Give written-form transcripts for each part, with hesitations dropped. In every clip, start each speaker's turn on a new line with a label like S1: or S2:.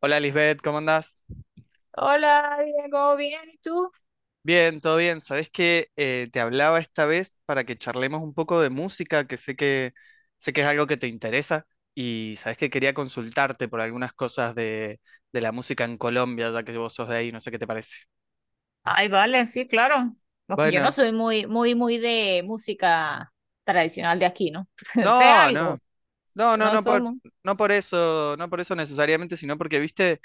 S1: Hola, Lisbeth, ¿cómo andás?
S2: Hola, Diego, ¿bien? ¿Y tú?
S1: Bien, todo bien. Sabés que te hablaba esta vez para que charlemos un poco de música, que sé que es algo que te interesa y sabés que quería consultarte por algunas cosas de la música en Colombia, ya que vos sos de ahí, no sé qué te parece.
S2: Ay, vale, sí, claro. Porque yo no
S1: Bueno,
S2: soy muy, muy, muy de música tradicional de aquí, ¿no? Sé
S1: no, no,
S2: algo,
S1: no,
S2: pero
S1: no,
S2: no somos.
S1: no por eso, no por eso necesariamente, sino porque, viste,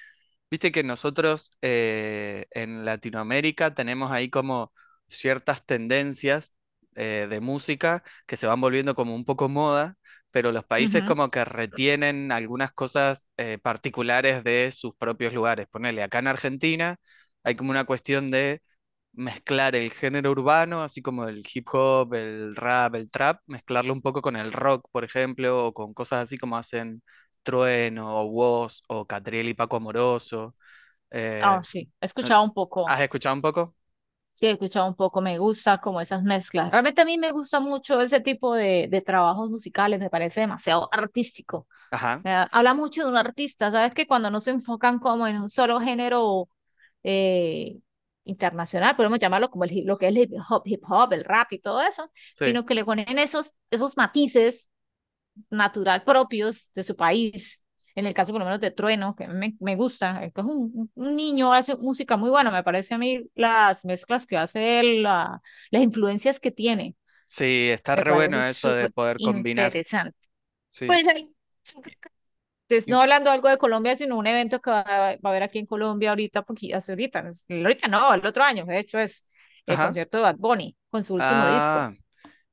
S1: viste que nosotros en Latinoamérica tenemos ahí como ciertas tendencias de música que se van volviendo como un poco moda, pero los países
S2: Ujú.
S1: como que retienen algunas cosas particulares de sus propios lugares. Ponele, acá en Argentina hay como una cuestión de mezclar el género urbano, así como el hip hop, el rap, el trap, mezclarlo un poco con el rock, por ejemplo, o con cosas así como hacen Trueno o Wos o Catriel y Paco Amoroso. Eh,
S2: Ah, sí, he
S1: no
S2: escuchado
S1: sé,
S2: un poco.
S1: ¿has escuchado un poco?
S2: Sí, he escuchado un poco. Me gusta como esas mezclas. Realmente a mí me gusta mucho ese tipo de trabajos musicales. Me parece demasiado artístico.
S1: Ajá,
S2: Habla mucho de un artista, ¿sabes? Que cuando no se enfocan como en un solo género eh, internacional, podemos llamarlo como lo que es el hip hop, el rap y todo eso,
S1: sí.
S2: sino que le ponen esos matices natural propios de su país. En el caso por lo menos de Trueno, que me gusta, que es un niño, hace música muy buena, me parece a mí las mezclas que hace, él, la, las influencias que tiene,
S1: Sí, está
S2: me
S1: re
S2: parece
S1: bueno eso de
S2: súper
S1: poder combinar,
S2: interesante.
S1: sí.
S2: Pues ahí
S1: Y-
S2: entonces,
S1: y-
S2: no hablando algo de Colombia, sino un evento que va a haber aquí en Colombia ahorita, porque hace ahorita, no, ahorita no, el otro año, de hecho es el
S1: ajá.
S2: concierto de Bad Bunny con su último disco,
S1: Ah,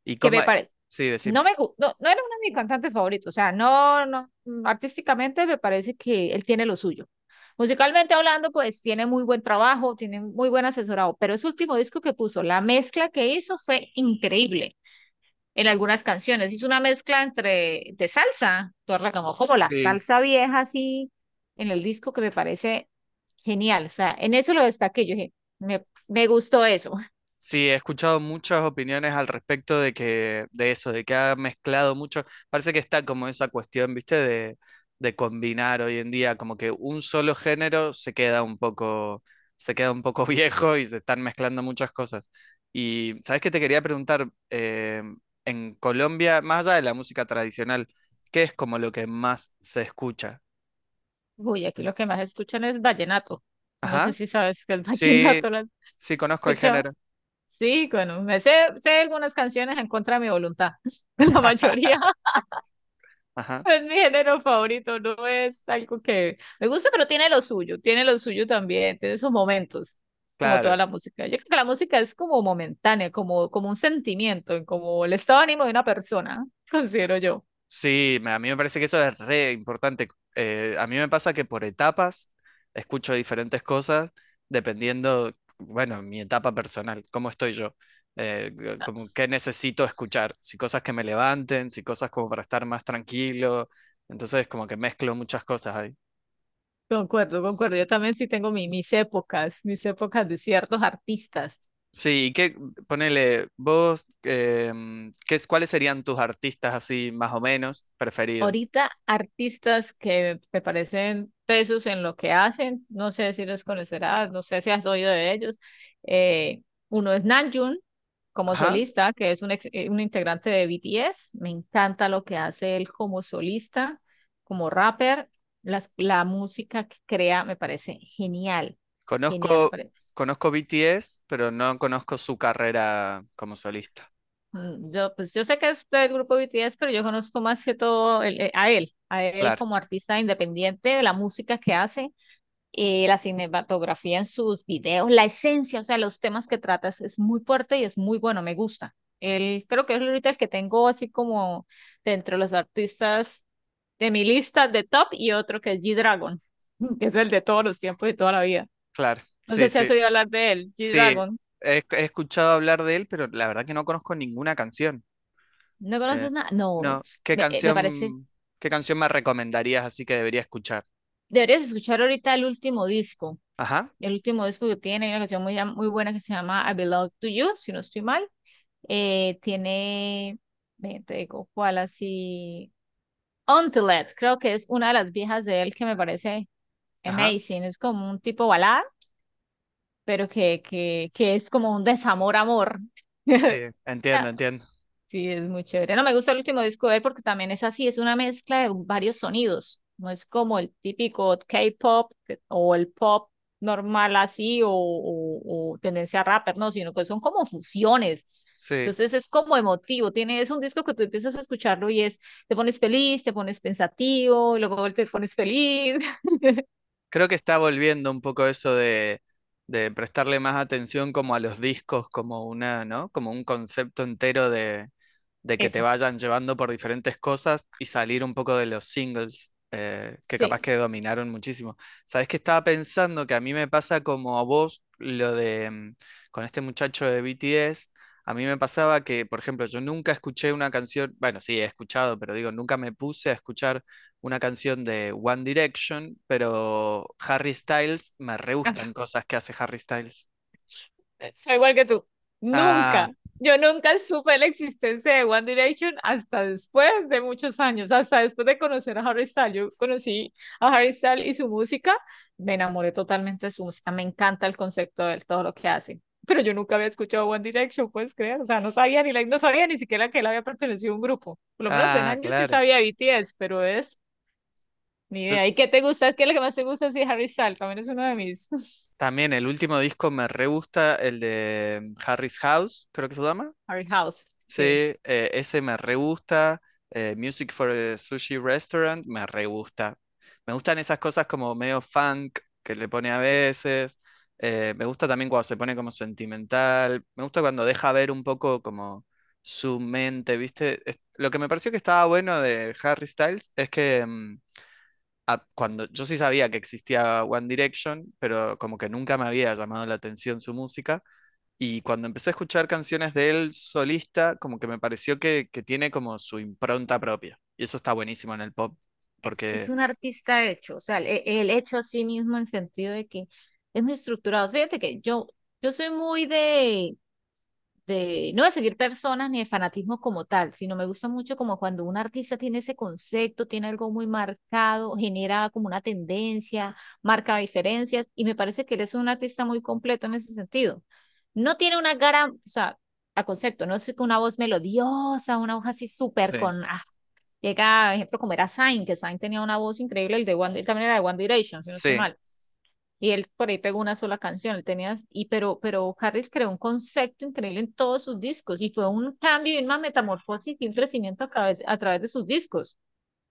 S1: ¿y
S2: que
S1: cómo?
S2: me parece,
S1: Sí, decime.
S2: no, no era uno de mis cantantes favoritos, o sea, no, no, mm, artísticamente me parece que él tiene lo suyo. Musicalmente hablando, pues tiene muy buen trabajo, tiene muy buen asesorado, pero ese último disco que puso, la mezcla que hizo fue increíble en algunas canciones. Es una mezcla entre de salsa, tú como, como la
S1: Sí.
S2: salsa vieja así en el disco que me parece genial. O sea, en eso lo destaqué. Yo dije, me gustó eso.
S1: Sí, he escuchado muchas opiniones al respecto de que, de eso, de que ha mezclado mucho. Parece que está como esa cuestión, ¿viste? De combinar hoy en día, como que un solo género se queda un poco, se queda un poco viejo y se están mezclando muchas cosas. Y, ¿sabes qué te quería preguntar? En Colombia, más allá de la música tradicional, ¿qué es como lo que más se escucha?
S2: Uy, aquí lo que más escuchan es vallenato. No sé
S1: Ajá.
S2: si sabes que el
S1: Sí,
S2: vallenato lo has
S1: sí, conozco el
S2: escuchado.
S1: género.
S2: Sí, bueno, sé algunas canciones en contra de mi voluntad, la mayoría.
S1: Ajá.
S2: Es mi género favorito, no es algo que me gusta, pero tiene lo suyo también, tiene sus momentos, como
S1: Claro,
S2: toda la música. Yo creo que la música es como momentánea, como, como un sentimiento, como el estado de ánimo de una persona, considero yo.
S1: sí, a mí me parece que eso es re importante. A mí me pasa que por etapas escucho diferentes cosas dependiendo, bueno, mi etapa personal, cómo estoy yo, como qué necesito escuchar, si cosas que me levanten, si cosas como para estar más tranquilo. Entonces, como que mezclo muchas cosas ahí.
S2: Concuerdo, concuerdo. Yo también sí tengo mis épocas de ciertos artistas.
S1: Sí, y qué, ponele, vos, ¿qué cuáles serían tus artistas así más o menos preferidos?
S2: Ahorita artistas que me parecen tesos en lo que hacen, no sé si los conocerás, no sé si has oído de ellos. Eh, Uno es Namjoon como
S1: Ajá.
S2: solista, que es un integrante de BTS. Me encanta lo que hace él como solista, como rapper. La música que crea me parece genial, genial me
S1: Conozco,
S2: parece.
S1: conozco BTS, pero no conozco su carrera como solista.
S2: Yo, pues yo sé que es del grupo BTS, pero yo conozco más que todo a él
S1: Claro,
S2: como artista independiente de la música que hace la cinematografía en sus videos, la esencia, o sea, los temas que tratas es muy fuerte y es muy bueno, me gusta. Él creo que es ahorita el que tengo así como de entre los artistas de mi lista de top y otro que es G-Dragon, que es el de todos los tiempos y toda la vida.
S1: claro.
S2: No
S1: Sí,
S2: sé si
S1: sí,
S2: has oído hablar de él,
S1: sí.
S2: G-Dragon.
S1: He escuchado hablar de él, pero la verdad que no conozco ninguna canción.
S2: ¿No
S1: Eh,
S2: conoces nada? No,
S1: no,
S2: me parece.
S1: qué canción me recomendarías así que debería escuchar?
S2: Deberías escuchar ahorita el último disco.
S1: Ajá,
S2: El último disco que tiene, hay una canción muy, muy buena que se llama I Belong to You, si no estoy mal. Eh, tiene, ve, te digo, ¿cuál así? Untiled, creo que es una de las viejas de él que me parece
S1: ajá.
S2: amazing. Es como un tipo balada, pero que es como un desamor-amor.
S1: Sí, entiendo, entiendo.
S2: Sí, es muy chévere. No me gusta el último disco de él porque también es así, es una mezcla de varios sonidos. No es como el típico K-pop o el pop normal así o tendencia a rapper, no, sino que son como fusiones.
S1: Sí.
S2: Entonces es como emotivo. Tiene, es un disco que tú empiezas a escucharlo y es, te pones feliz, te pones pensativo, luego te pones feliz.
S1: Creo que está volviendo un poco eso de prestarle más atención como a los discos, como una, ¿no? Como un concepto entero de que te
S2: Eso,
S1: vayan llevando por diferentes cosas y salir un poco de los singles, que capaz
S2: sí.
S1: que dominaron muchísimo. ¿Sabes qué estaba pensando? Que a mí me pasa como a vos lo de con este muchacho de BTS. A mí me pasaba que, por ejemplo, yo nunca escuché una canción, bueno, sí, he escuchado, pero digo, nunca me puse a escuchar una canción de One Direction, pero Harry Styles, me re gustan cosas que hace Harry Styles.
S2: Soy igual que tú.
S1: Ah,
S2: Nunca. Yo nunca supe la existencia de One Direction hasta después de muchos años, hasta después de conocer a Harry Styles. Yo conocí a Harry Styles y su música, me enamoré totalmente de su música, me encanta el concepto de él, todo lo que hace. Pero yo nunca había escuchado One Direction, puedes creer, o sea, no sabía ni siquiera que él había pertenecido a un grupo. Por lo menos de
S1: ah,
S2: Nanjo sí
S1: claro.
S2: sabía de BTS, pero es ni
S1: Yo,
S2: idea. ¿Y qué te gusta? Es que lo que más te gusta sí, es Harry Styles, también es uno de mis
S1: también el último disco me re gusta, el de Harry's House, creo que se llama.
S2: Harry House,
S1: Sí,
S2: sí.
S1: ese me re gusta. Music for a Sushi Restaurant, me re gusta. Me gustan esas cosas como medio funk que le pone a veces. Me gusta también cuando se pone como sentimental. Me gusta cuando deja ver un poco como su mente, ¿viste? Lo que me pareció que estaba bueno de Harry Styles es que cuando yo sí sabía que existía One Direction, pero como que nunca me había llamado la atención su música. Y cuando empecé a escuchar canciones de él solista, como que me pareció que tiene como su impronta propia. Y eso está buenísimo en el pop,
S2: Es
S1: porque
S2: un artista hecho, o sea, el hecho a sí mismo en sentido de que es muy estructurado. Fíjate que yo soy muy de, no de seguir personas ni de fanatismo como tal, sino me gusta mucho como cuando un artista tiene ese concepto, tiene algo muy marcado, genera como una tendencia, marca diferencias, y me parece que él es un artista muy completo en ese sentido. No tiene una gran, o sea, a concepto, no es una voz melodiosa, una voz así súper
S1: sí,
S2: con... Ah, llega, por ejemplo, como era Zayn, que Zayn tenía una voz increíble, el de One, también era de One Direction, si no estoy
S1: sí.
S2: mal. Y él por ahí pegó una sola canción, él tenía, y, pero Harris creó un concepto increíble en todos sus discos y fue un cambio y una metamorfosis y un crecimiento a través de sus discos.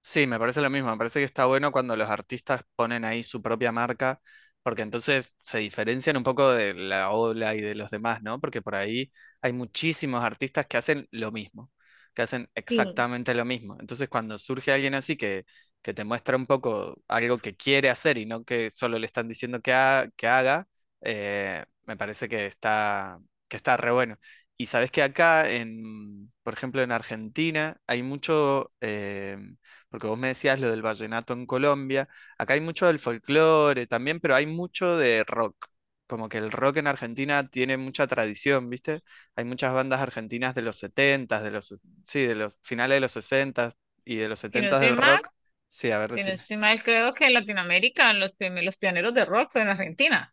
S1: Sí, me parece lo mismo. Me parece que está bueno cuando los artistas ponen ahí su propia marca, porque entonces se diferencian un poco de la ola y de los demás, ¿no? Porque por ahí hay muchísimos artistas que hacen lo mismo, que hacen
S2: Sí.
S1: exactamente lo mismo. Entonces, cuando surge alguien así que te muestra un poco algo que quiere hacer y no que solo le están diciendo que haga, me parece que está re bueno. Y sabes que acá, en, por ejemplo, en Argentina, hay mucho. Porque vos me decías lo del vallenato en Colombia, acá hay mucho del folclore también, pero hay mucho de rock. Como que el rock en Argentina tiene mucha tradición, ¿viste? Hay muchas bandas argentinas de los sí, de los finales de los 60 y de los
S2: Si no
S1: 70
S2: estoy
S1: del
S2: mal,
S1: rock. Sí, a ver,
S2: si no
S1: decime.
S2: estoy mal, creo que en Latinoamérica los pioneros de rock fue en Argentina.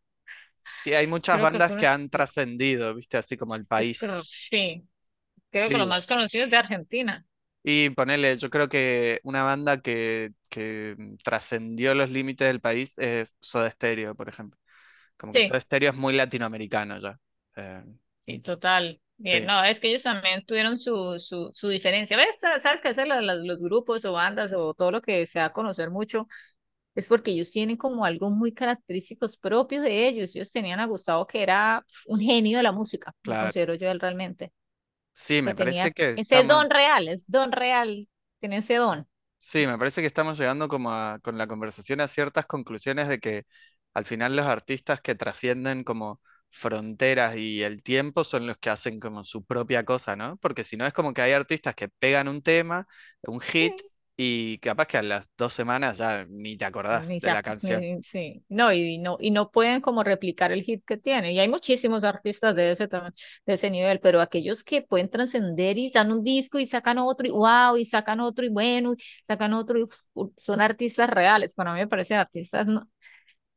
S1: Y hay muchas
S2: Creo que
S1: bandas
S2: fueron,
S1: que
S2: sí,
S1: han trascendido, ¿viste? Así como el país.
S2: creo que los
S1: Sí.
S2: más conocidos de Argentina.
S1: Y ponele, yo creo que una banda que trascendió los límites del país es Soda Stereo, por ejemplo. Como que Soda
S2: Sí,
S1: Stereo es muy latinoamericano ya. Eh,
S2: sí, total. Bien,
S1: sí,
S2: no, es que ellos también tuvieron su, su, su diferencia. ¿Ves? Sabes que hacer los grupos o bandas o todo lo que se da a conocer mucho es porque ellos tienen como algo muy característicos propios de ellos. Ellos tenían a Gustavo que era pf, un genio de la música, lo
S1: claro.
S2: considero yo él realmente.
S1: Sí,
S2: O sea,
S1: me
S2: tenía
S1: parece que
S2: ese
S1: estamos.
S2: don real, es don real, tiene ese don.
S1: Sí, me parece que estamos llegando como con la conversación a ciertas conclusiones de que al final los artistas que trascienden como fronteras y el tiempo son los que hacen como su propia cosa, ¿no? Porque si no es como que hay artistas que pegan un tema, un
S2: Sí.
S1: hit, y capaz que a las dos semanas ya ni te acordás
S2: Ni
S1: de
S2: se-
S1: la canción.
S2: ni- sí. No, y, no, y no pueden como replicar el hit que tiene. Y hay muchísimos artistas de de ese nivel, pero aquellos que pueden trascender y dan un disco y sacan otro y wow, y sacan otro y bueno, y sacan otro y uf, son artistas reales. Para mí me parecen artistas no-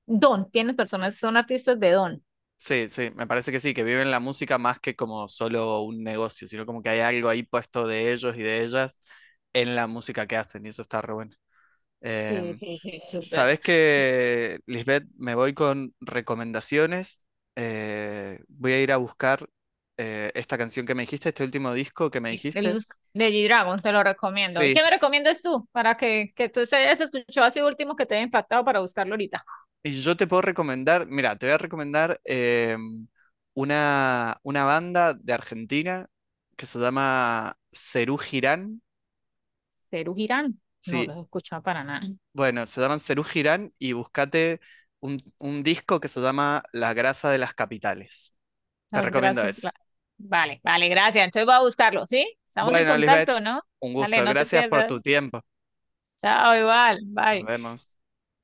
S2: don, tienes personas, son artistas de don.
S1: Sí, sí, me parece que sí, que viven la música más que como solo un negocio, sino como que hay algo ahí puesto de ellos y de ellas en la música que hacen, y eso está re bueno.
S2: Sí,
S1: Em,
S2: sí, sí, súper.
S1: sabes que, Lisbeth, me voy con recomendaciones. Voy a ir a buscar esta canción que me dijiste, este último disco que me
S2: El
S1: dijiste.
S2: Luz de G-Dragon, te lo recomiendo. ¿Y
S1: Sí,
S2: qué me recomiendas tú para que tú se hayas escuchado así último que te haya impactado para buscarlo ahorita?
S1: y yo te puedo recomendar, mira, te voy a recomendar una banda de Argentina que se llama Serú Girán.
S2: Ceru Girán, no
S1: Sí,
S2: lo he escuchado para nada.
S1: bueno, se llaman Serú Girán y búscate un disco que se llama La grasa de las capitales. Te
S2: Las
S1: recomiendo
S2: grasas.
S1: ese.
S2: La- Vale, vale, gracias. Entonces voy a buscarlo, ¿sí? Estamos en
S1: Bueno, Lisbeth,
S2: contacto, ¿no?
S1: un
S2: Dale,
S1: gusto.
S2: no te
S1: Gracias por
S2: pierdas.
S1: tu tiempo.
S2: Chao, igual.
S1: Nos
S2: Bye.
S1: vemos.